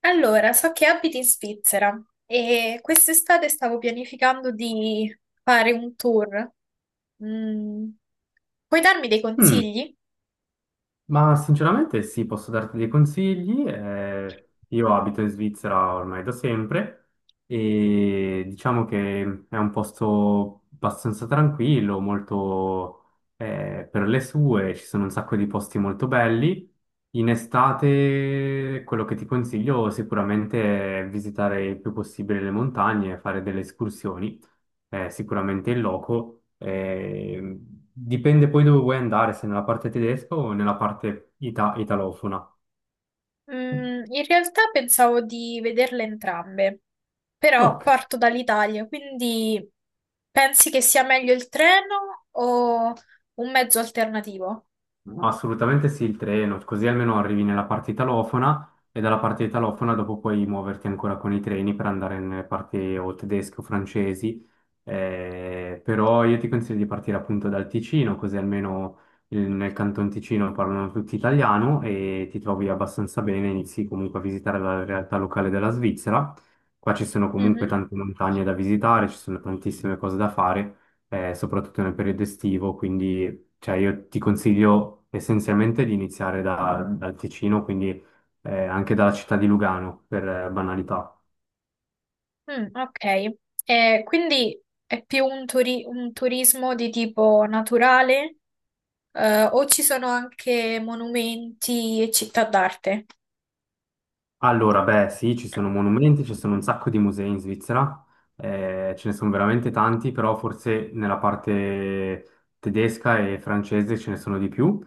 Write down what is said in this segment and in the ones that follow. Allora, so che abiti in Svizzera e quest'estate stavo pianificando di fare un tour. Mm. Puoi darmi dei Mm. consigli? Ma sinceramente sì, posso darti dei consigli. Io abito in Svizzera ormai da sempre e diciamo che è un posto abbastanza tranquillo, molto per le sue, ci sono un sacco di posti molto belli. In estate quello che ti consiglio sicuramente è visitare il più possibile le montagne, e fare delle escursioni sicuramente in loco. Dipende poi dove vuoi andare, se nella parte tedesca o nella parte italofona. In realtà pensavo di vederle entrambe, però Ok. parto dall'Italia, quindi pensi che sia meglio il treno o un mezzo alternativo? No, assolutamente sì, il treno, così almeno arrivi nella parte italofona e dalla parte italofona dopo puoi muoverti ancora con i treni per andare nelle parti o tedesche o francesi, però io ti consiglio di partire appunto dal Ticino, così almeno nel Canton Ticino parlano tutti italiano e ti trovi abbastanza bene, inizi comunque a visitare la realtà locale della Svizzera, qua ci sono comunque Mhm. tante montagne da visitare, ci sono tantissime cose da fare soprattutto nel periodo estivo, quindi cioè, io ti consiglio essenzialmente di iniziare dal Ticino, quindi anche dalla città di Lugano, per banalità. Mm, ok. Quindi è più un turismo di tipo naturale, o ci sono anche monumenti e città d'arte? Allora, beh, sì, ci sono monumenti, ci sono un sacco di musei in Svizzera, ce ne sono veramente tanti, però forse nella parte tedesca e francese ce ne sono di più,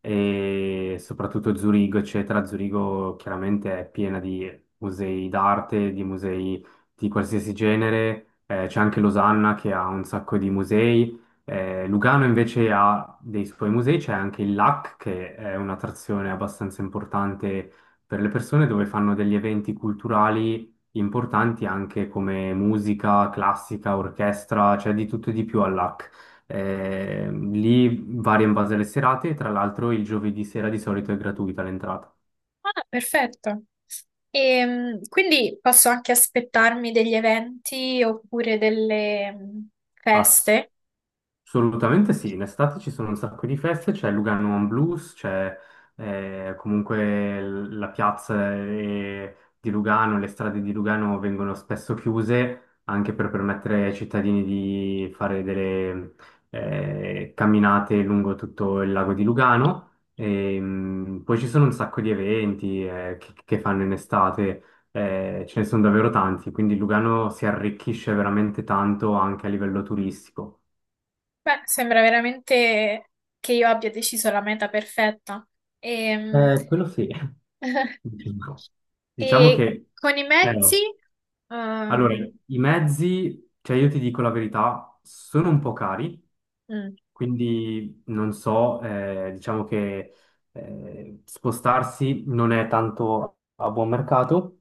e soprattutto Zurigo, eccetera. Zurigo chiaramente è piena di musei d'arte, di musei di qualsiasi genere, c'è anche Losanna che ha un sacco di musei. Lugano invece ha dei suoi musei, c'è anche il LAC che è un'attrazione abbastanza importante per le persone dove fanno degli eventi culturali importanti anche come musica classica, orchestra, cioè di tutto e di più all'AC. Lì varia in base alle serate e tra l'altro il giovedì sera di solito è gratuita l'entrata. Ah, perfetto. E quindi posso anche aspettarmi degli eventi oppure delle Assolutamente. feste? Assolutamente sì, in estate ci sono un sacco di feste, c'è Lugano on Blues, c'è comunque la piazza di Lugano, le strade di Lugano vengono spesso chiuse anche per permettere ai cittadini di fare delle camminate lungo tutto il lago di Lugano. E, poi ci sono un sacco di eventi che fanno in estate, ce ne sono davvero tanti, quindi Lugano si arricchisce veramente tanto anche a livello turistico. Beh, sembra veramente che io abbia deciso la meta perfetta. Ehm, Quello sì, diciamo diciamo E, che con i mezzi, no. Allora, ehm, i mezzi, cioè io ti dico la verità, sono un po' cari, mm, quindi non so, diciamo che spostarsi non è tanto a buon mercato,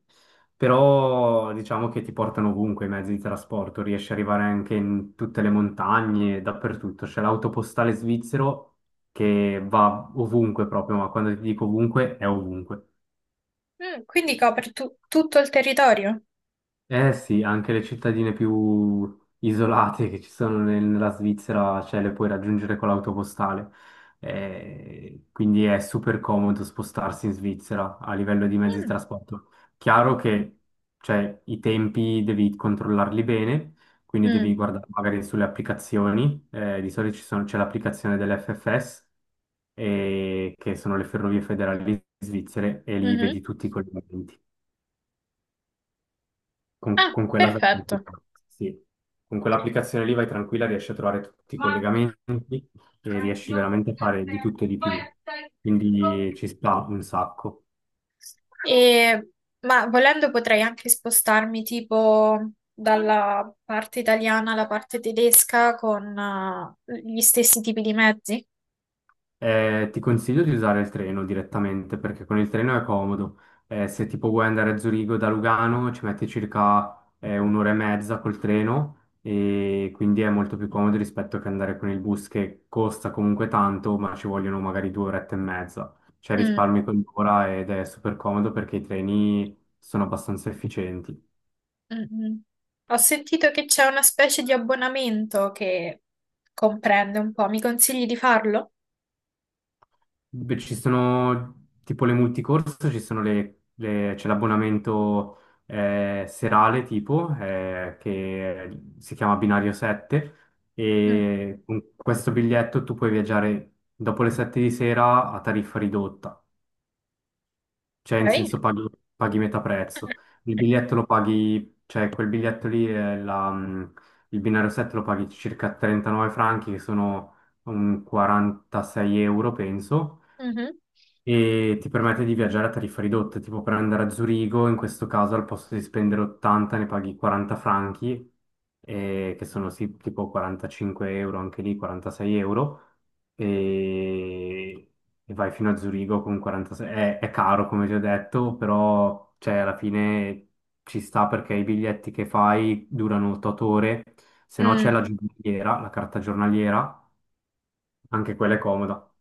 però diciamo che ti portano ovunque i mezzi di trasporto, riesci ad arrivare anche in tutte le montagne, dappertutto, c'è l'autopostale svizzero che va ovunque proprio, ma quando ti dico ovunque è ovunque. Quindi copre tutto il territorio? Eh sì, anche le cittadine più isolate che ci sono nella Svizzera, cioè le puoi raggiungere con l'autopostale. Quindi è super comodo spostarsi in Svizzera a livello di mezzi di Mm. trasporto. Chiaro che cioè, i tempi devi controllarli bene, quindi Mm, devi guardare magari sulle applicazioni. Di solito c'è l'applicazione dell'FFS, che sono le ferrovie federali svizzere, e lì mhm. vedi tutti i collegamenti. Con, Ah, con quella vai perfetto. tranquilla, sì. Con quell'applicazione lì vai tranquilla, riesci a trovare tutti i collegamenti e riesci veramente a fare di tutto e di più. Quindi ci sta un sacco. E- ma volendo potrei anche spostarmi tipo dalla parte italiana alla parte tedesca con gli stessi tipi di mezzi. Ti consiglio di usare il treno direttamente perché con il treno è comodo. Se tipo vuoi andare a Zurigo da Lugano ci metti circa un'ora e mezza col treno e quindi è molto più comodo rispetto che andare con il bus che costa comunque tanto, ma ci vogliono magari due orette e mezza. Cioè Mm, risparmi quell'ora ed è super comodo perché i treni sono abbastanza efficienti. mm, mm. Ho sentito che c'è una specie di abbonamento che comprende un po'. Mi consigli di farlo? Beh, ci sono tipo le multicorse, ci sono c'è l'abbonamento serale tipo che si chiama Binario 7 Mm, e con questo biglietto tu puoi viaggiare dopo le 7 di sera a tariffa ridotta, cioè in ok. senso paghi metà prezzo. Il biglietto lo paghi, cioè quel biglietto lì, è il Binario 7 lo paghi circa 39 franchi che sono un 46 euro penso Mhm. e ti permette di viaggiare a tariffa ridotta, tipo per andare a Zurigo, in questo caso al posto di spendere 80 ne paghi 40 franchi, che sono sì, tipo 45 euro, anche lì 46 euro, e, e vai fino a Zurigo con 46. È caro, come ti ho detto, però cioè, alla fine ci sta perché i biglietti che fai durano 8 ore, se no c'è Mm. la giornaliera, la carta giornaliera, anche quella è comoda.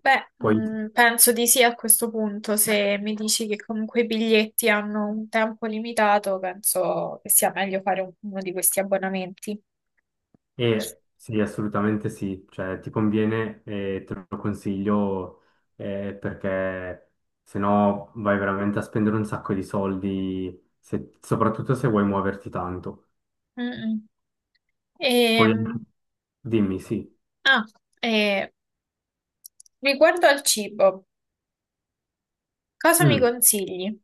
Beh, Poi penso di sì a questo punto. Se mi dici che comunque i biglietti hanno un tempo limitato, penso che sia meglio fare uno di questi abbonamenti. E sì, assolutamente sì, cioè ti conviene e te lo consiglio perché se no vai veramente a spendere un sacco di soldi, soprattutto se vuoi muoverti tanto. Mm-mm. Poi Ehm, dimmi, sì. ah, eh, riguardo al cibo, cosa mi Mm. consigli?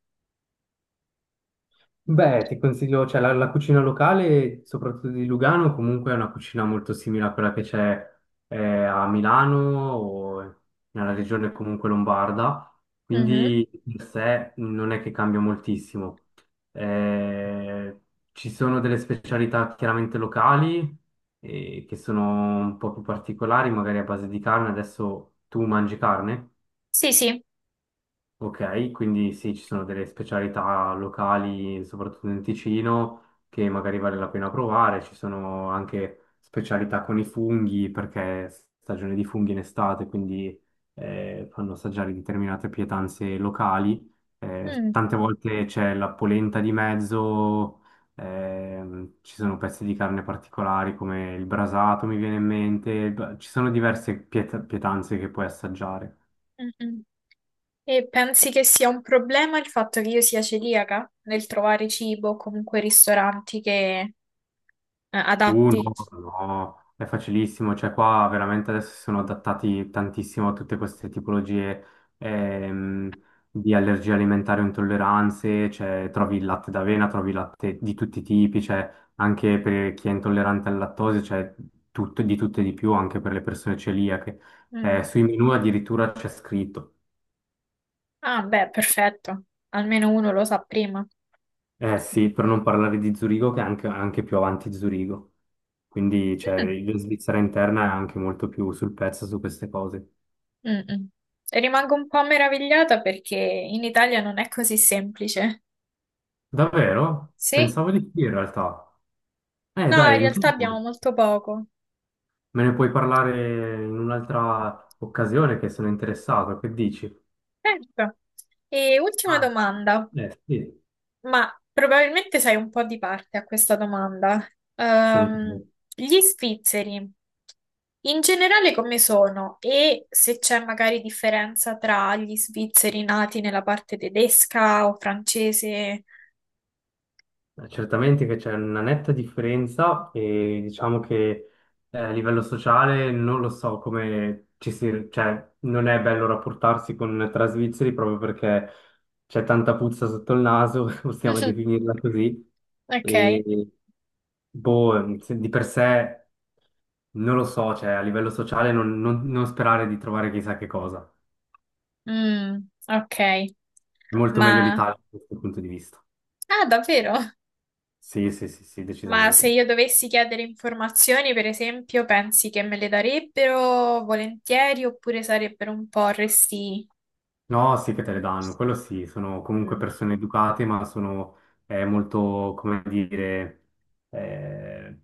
Beh, ti consiglio, cioè la cucina locale, soprattutto di Lugano, comunque è una cucina molto simile a quella che c'è eh, a Milano o nella regione comunque lombarda, Mhm. quindi di per sé non è che cambia moltissimo. Eh, ci sono delle specialità chiaramente locali che sono un po' più particolari, magari a base di carne. Adesso tu mangi carne? Sì, sì. Ok, quindi sì, ci sono delle specialità locali, soprattutto in Ticino, che magari vale la pena provare. Ci sono anche specialità con i funghi, perché è stagione di funghi in estate, quindi fanno assaggiare determinate pietanze locali. Eh, Mm, tante volte c'è la polenta di mezzo, ci sono pezzi di carne particolari come il brasato, mi viene in mente. Ci sono diverse pietanze che puoi assaggiare. mm-mm. E pensi che sia un problema il fatto che io sia celiaca nel trovare cibo o comunque ristoranti che Uh, adatti? no, no, è facilissimo, cioè qua veramente adesso si sono adattati tantissimo a tutte queste tipologie ehm, di allergie alimentari o intolleranze, cioè trovi il latte d'avena, trovi il latte di tutti i tipi, cioè anche per chi è intollerante al lattosio, cioè tutto, di tutto e di più, anche per le persone celiache. Mm. Sui menu addirittura c'è scritto. Ah, beh, perfetto. Almeno uno lo sa prima. Eh sì, per non parlare di Zurigo che è anche, più avanti di Zurigo. Quindi Mm, cioè, la Svizzera interna è anche molto più sul pezzo su queste cose. mm, mm. E rimango un po' meravigliata perché in Italia non è così semplice. Davvero? Sì, Pensavo di sì in realtà. No, Dai, in realtà intanto abbiamo molto poco. me ne puoi parlare in un'altra occasione che sono interessato. Che dici? Certo. E ultima Ah, domanda. eh sì, Ma probabilmente sei un po' di parte a questa domanda. Ehm, senti. Gli svizzeri in generale come sono e se c'è magari differenza tra gli svizzeri nati nella parte tedesca o francese? Certamente che c'è una netta differenza e diciamo che a livello sociale non lo so come ci si, cioè non è bello rapportarsi con tra svizzeri proprio perché c'è tanta puzza sotto il naso, possiamo definirla così, Ok. e boh, di per sé non lo so, cioè a livello sociale non sperare di trovare chissà che cosa. Mm, ok, È molto meglio ma l'Italia da questo punto di vista. ah, davvero? Sì, sì, sì, sì, Ma se decisamente. io dovessi chiedere informazioni, per esempio, pensi che me le darebbero volentieri oppure sarebbero un po' resti? No, sì che te le danno, quello sì, sono comunque Mm. persone educate, ma sono molto, come dire, eh,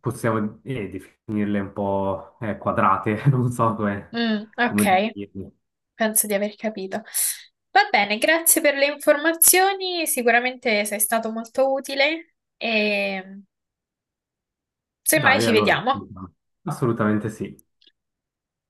possiamo definirle un po' quadrate, non so come, Mm, come ok, dirle. penso di aver capito. Va bene, grazie per le informazioni, sicuramente sei stato molto utile e semmai Dai, ci allora, vediamo. assolutamente sì.